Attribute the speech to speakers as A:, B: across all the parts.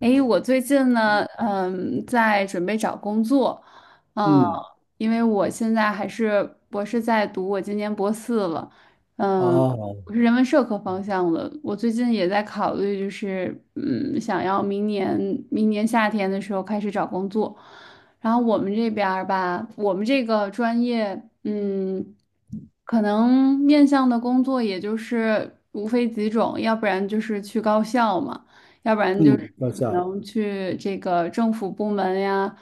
A: 诶，我最近呢，在准备找工作，嗯，
B: 嗯，
A: 因为我现在还是博士在读，我今年博四了。嗯，
B: 哦，
A: 我是人文社科方向的。我最近也在考虑，就是想要明年夏天的时候开始找工作。然后我们这边儿吧，我们这个专业，可能面向的工作也就是无非几种，要不然就是去高校嘛。要不然就是
B: 嗯，高
A: 可
B: 校
A: 能去这个政府部门呀，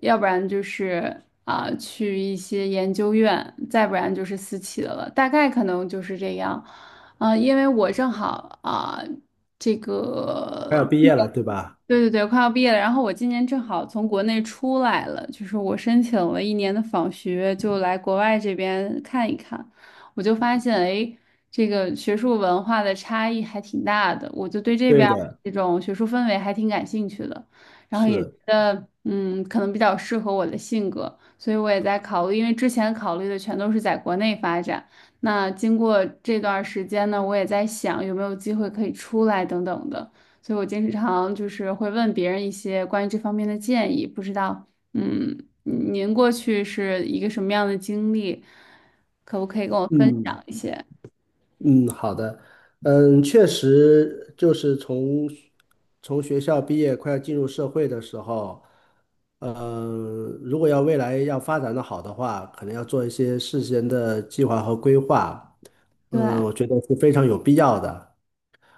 A: 要不然就是去一些研究院，再不然就是私企的了，大概可能就是这样。因为我正好这
B: 快
A: 个。
B: 要毕业了，对吧？
A: 对对对，快要毕业了。然后我今年正好从国内出来了，就是我申请了一年的访学，就来国外这边看一看。我就发现，哎，这个学术文化的差异还挺大的。我就对这边
B: 对
A: 儿
B: 的，
A: 这种学术氛围还挺感兴趣的，然后也觉
B: 是，
A: 得，可能比较适合我的性格，所以我也在考虑。因为之前考虑的全都是在国内发展，那经过这段儿时间呢，我也在想有没有机会可以出来等等的。所以我经常就是会问别人一些关于这方面的建议，不知道，嗯，您过去是一个什么样的经历，可不可以跟我分享
B: 嗯
A: 一些？
B: 嗯，好的，确实就是从学校毕业，快要进入社会的时候，如果要未来要发展的好的话，可能要做一些事先的计划和规划，
A: 对，
B: 我觉得是非常有必要的。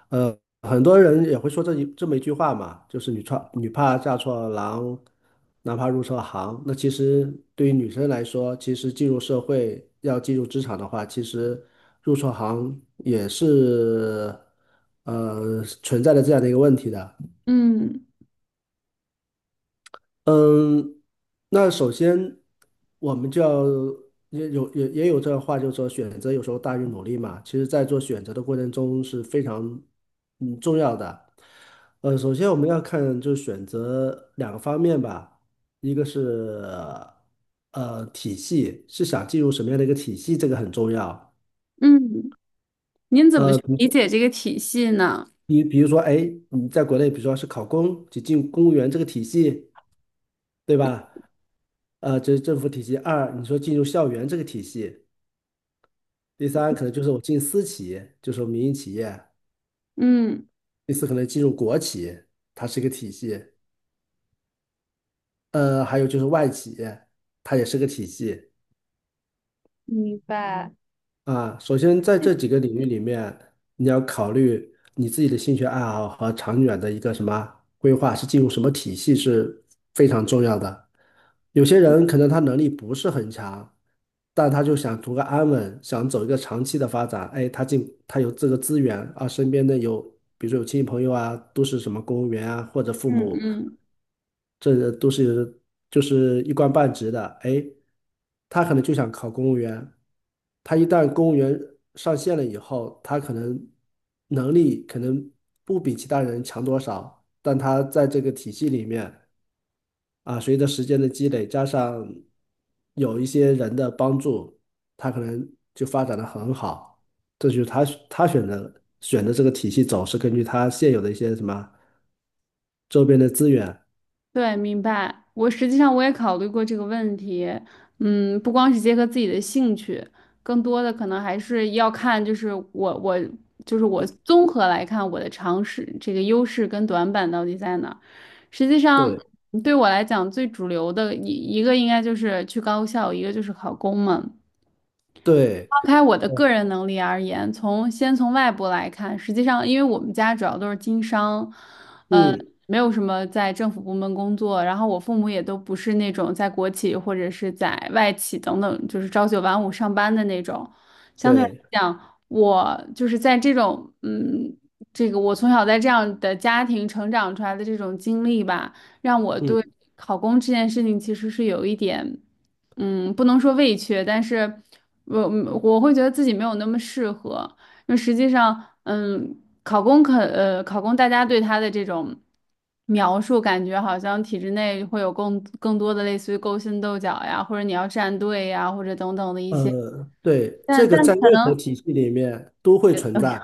B: 呃，很多人也会说这么一句话嘛，就是女怕嫁错郎，男怕入错行。那其实对于女生来说，其实进入社会要进入职场的话，其实入错行也是存在的这样的一个问题的。
A: 嗯
B: 嗯，那首先我们就要也有这话，就是说选择有时候大于努力嘛。其实，在做选择的过程中是非常重要的。首先我们要看就是选择两个方面吧，一个是体系，是想进入什么样的一个体系，这个很重要。
A: 嗯，您怎么
B: 呃，
A: 去理解这个体系呢？
B: 比如说，哎，你在国内，比如说是考公，就进公务员这个体系，对吧？这是政府体系；二，你说进入校园这个体系；第三，可能就是我进私企就是我民营企业；
A: 嗯，
B: 第四，可能进入国企，它是一个体系；还有就是外企，它也是个体系。
A: 明白，
B: 啊，首先在这几个领域里面，你要考虑你自己的兴趣爱好和长远的一个什么规划，是进入什么体系是非常重要的。有些人可能他能力不是很强，但他就想图个安稳，想走一个长期的发展。哎，他有这个资源啊，身边的有，比如说有亲戚朋友啊，都是什么公务员啊，或者父
A: 嗯
B: 母。
A: 嗯。
B: 这个都是就是一官半职的，哎，他可能就想考公务员，他一旦公务员上线了以后，他可能能力可能不比其他人强多少，但他在这个体系里面啊，随着时间的积累，加上有一些人的帮助，他可能就发展的很好。这就是他选择的这个体系走，是根据他现有的一些什么周边的资源。
A: 对，明白。我实际上我也考虑过这个问题，不光是结合自己的兴趣，更多的可能还是要看，就是我我综合来看我的尝试这个优势跟短板到底在哪儿。实际上
B: 对，
A: 对我来讲，最主流的一个应该就是去高校，一个就是考公嘛。
B: 对，
A: 抛开我的个人能力而言，先从外部来看，实际上因为我们家主要都是经商，呃，
B: 嗯，
A: 没有什么在政府部门工作，然后我父母也都不是那种在国企或者是在外企等等，就是朝九晚五上班的那种。相对来
B: 对，
A: 讲，我就是在这种这个我从小在这样的家庭成长出来的这种经历吧，让我
B: 嗯，
A: 对考公这件事情其实是有一点。不能说畏怯，但是我我会觉得自己没有那么适合，因为实际上，考公大家对他的这种描述，感觉好像体制内会有更多的类似于勾心斗角呀，或者你要站队呀，或者等等的一些，
B: 对，
A: 但
B: 这个
A: 但
B: 在任
A: 可
B: 何
A: 能。
B: 体系里面都会存在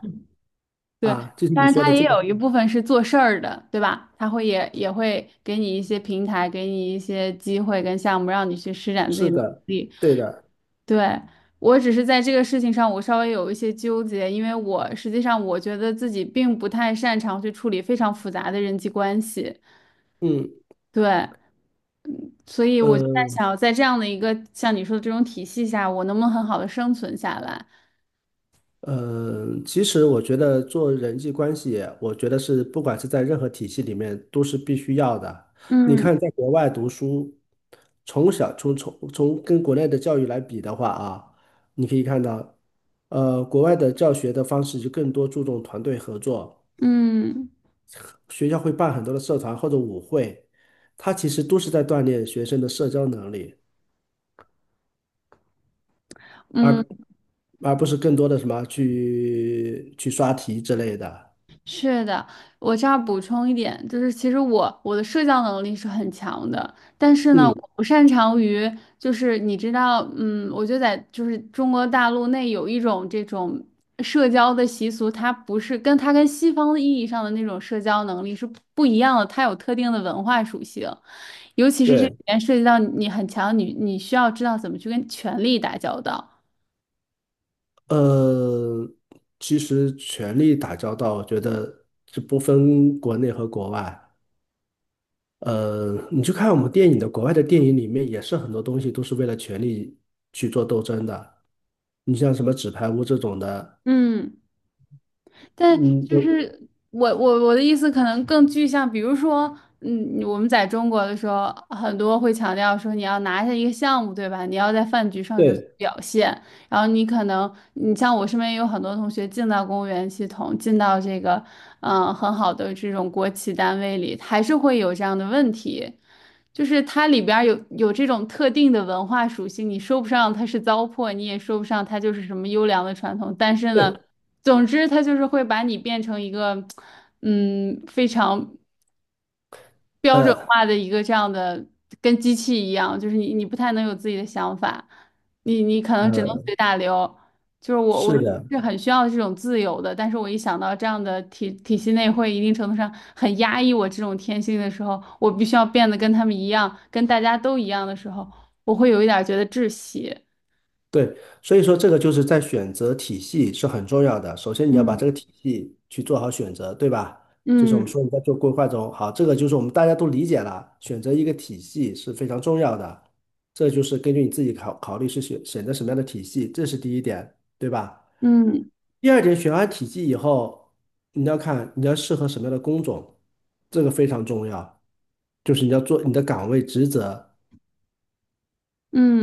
A: 对，
B: 啊，就是你
A: 但是
B: 说
A: 他
B: 的
A: 也
B: 这个，
A: 有一部分是做事儿的，对吧？他会也会给你一些平台，给你一些机会跟项目，让你去施展自
B: 是
A: 己的能
B: 的，
A: 力。
B: 对的，
A: 对，我只是在这个事情上，我稍微有一些纠结，因为我实际上我觉得自己并不太擅长去处理非常复杂的人际关系，
B: 嗯，
A: 对，所以我就在
B: 呃，
A: 想，在这样的一个像你说的这种体系下，我能不能很好的生存下来？
B: 其实我觉得做人际关系，我觉得是不管是在任何体系里面都是必须要的。你
A: 嗯
B: 看，在国外读书，从小从从从跟国内的教育来比的话啊，你可以看到，国外的教学的方式就更多注重团队合作。
A: 嗯
B: 学校会办很多的社团或者舞会，它其实都是在锻炼学生的社交能力，
A: 嗯。
B: 而而不是更多的什么去去刷题之类的。
A: 是的，我这儿补充一点，就是其实我的社交能力是很强的，但是呢，
B: 嗯，
A: 我不擅长于，就是你知道，我觉得在就是中国大陆内有一种这种社交的习俗，它不是跟西方意义上的那种社交能力是不一样的，它有特定的文化属性，尤其是这里
B: 对，
A: 面涉及到你很强，你需要知道怎么去跟权力打交道。
B: 呃，其实权力打交道，我觉得是不分国内和国外。你去看我们电影的，国外的电影里面也是很多东西都是为了权力去做斗争的。你像什么《纸牌屋》这种的，
A: 嗯。但
B: 嗯，
A: 就是我的意思可能更具象，比如说，我们在中国的时候，很多会强调说你要拿下一个项目，对吧？你要在饭局上有所
B: 对
A: 表现，然后你可能，你像我身边也有很多同学进到公务员系统，进到这个，很好的这种国企单位里，还是会有这样的问题。就是它里边儿有这种特定的文化属性，你说不上它是糟粕，你也说不上它就是什么优良的传统，但是
B: 对，
A: 呢，总之它就是会把你变成一个，非常标准
B: 呃
A: 化的一个这样的，跟机器一样，就是你不太能有自己的想法，你可能只能
B: 呃，
A: 随大流。就是我
B: 是的。
A: 是很需要这种自由的，但是我一想到这样的体系内会一定程度上很压抑我这种天性的时候，我必须要变得跟他们一样，跟大家都一样的时候，我会有一点儿觉得窒息。
B: 对，所以说这个就是在选择体系是很重要的。首先你要把
A: 嗯
B: 这个体系去做好选择，对吧？就是我们
A: 嗯
B: 说你在做规划中，好，这个就是我们大家都理解了，选择一个体系是非常重要的。这就是根据你自己考虑是选择什么样的体系，这是第一点，对吧？
A: 嗯
B: 第二点，选完体系以后，你要看你要适合什么样的工种，这个非常重要，就是你要做你的岗位职责。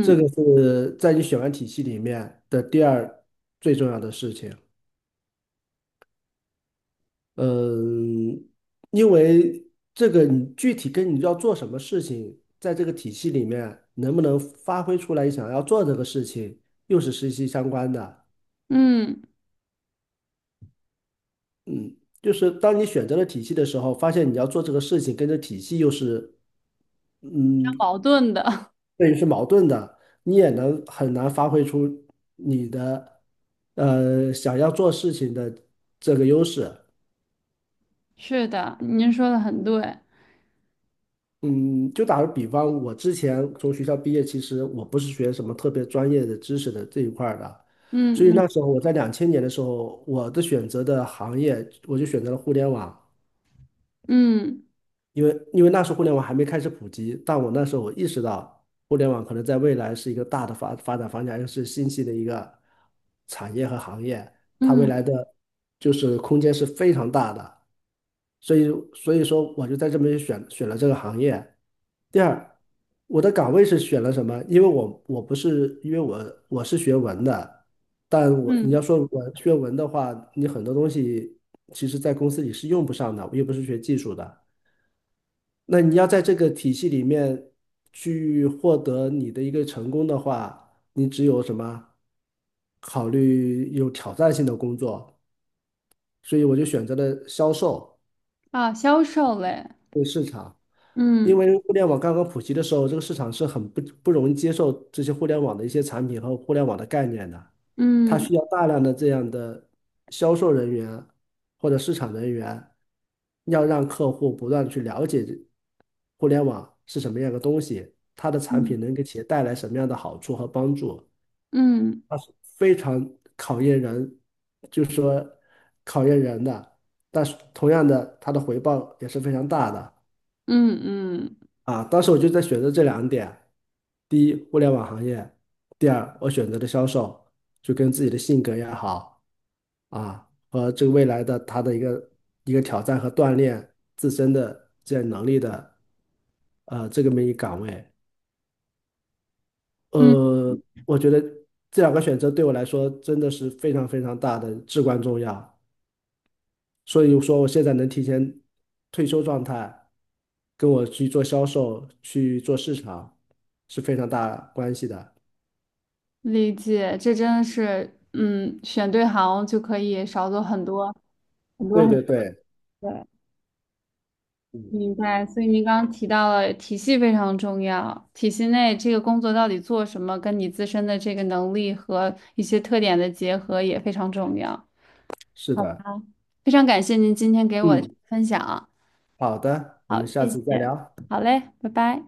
B: 这个是在你选完体系里面的第二最重要的事情。嗯，因为这个你具体跟你要做什么事情，在这个体系里面能不能发挥出来你想要做这个事情，又是息息相关的。
A: 嗯，
B: 嗯，就是当你选择了体系的时候，发现你要做这个事情跟这体系又是嗯，
A: 矛盾的，
B: 对于是矛盾的，你也能很难发挥出想要做事情的这个优势。
A: 是的，您说的很对。
B: 嗯，就打个比方，我之前从学校毕业，其实我不是学什么特别专业的知识的这一块儿的，所以
A: 嗯嗯
B: 那时候我在2000年的时候，我的选择的行业，我就选择了互联网。
A: 嗯
B: 因为那时候互联网还没开始普及，但我那时候我意识到，互联网可能在未来是一个大的发展方向，又是新兴的一个产业和行业，它未
A: 嗯
B: 来的就是空间是非常大的，所以说我就在这边选了这个行业。第二，我的岗位是选了什么？因为我不是因为我是学文的，但我你要
A: 嗯。
B: 说我学文的话，你很多东西其实在公司里是用不上的，我又不是学技术的。那你要在这个体系里面去获得你的一个成功的话，你只有什么？考虑有挑战性的工作，所以我就选择了销售。
A: 啊，销售类，
B: 因
A: 嗯
B: 为互联网刚刚普及的时候，这个市场是很不容易接受这些互联网的一些产品和互联网的概念的，它
A: 嗯
B: 需要大量的这样的销售人员或者市场人员，要让客户不断地去了解这互联网是什么样的东西，它的产
A: 嗯
B: 品能给企业带来什么样的好处和帮助，
A: 嗯
B: 它是非常考验人，就是说考验人的，但是同样的，它的回报也是非常大的。
A: 嗯嗯
B: 啊，当时我就在选择这两点：第一，互联网行业；第二，我选择的销售，就跟自己的性格也好啊，和这个未来的他的一个挑战和锻炼自身的这样能力的，这个么一个岗位。
A: 嗯，
B: 呃，我觉得这两个选择对我来说真的是非常非常大的至关重要。所以说我现在能提前退休状态，跟我去做销售、去做市场是非常大关系的。
A: 理解，这真的是，选对行就可以少走很多很多
B: 对
A: 很
B: 对
A: 多的。
B: 对，
A: 对，
B: 嗯，
A: 明白。所以您刚刚提到了体系非常重要，体系内这个工作到底做什么，跟你自身的这个能力和一些特点的结合也非常重要。
B: 是
A: 好吧，
B: 的，
A: 非常感谢您今天给我的
B: 嗯，
A: 分享。
B: 好的，我
A: 好，
B: 们下
A: 谢
B: 次再
A: 谢。
B: 聊。
A: 好嘞，拜拜。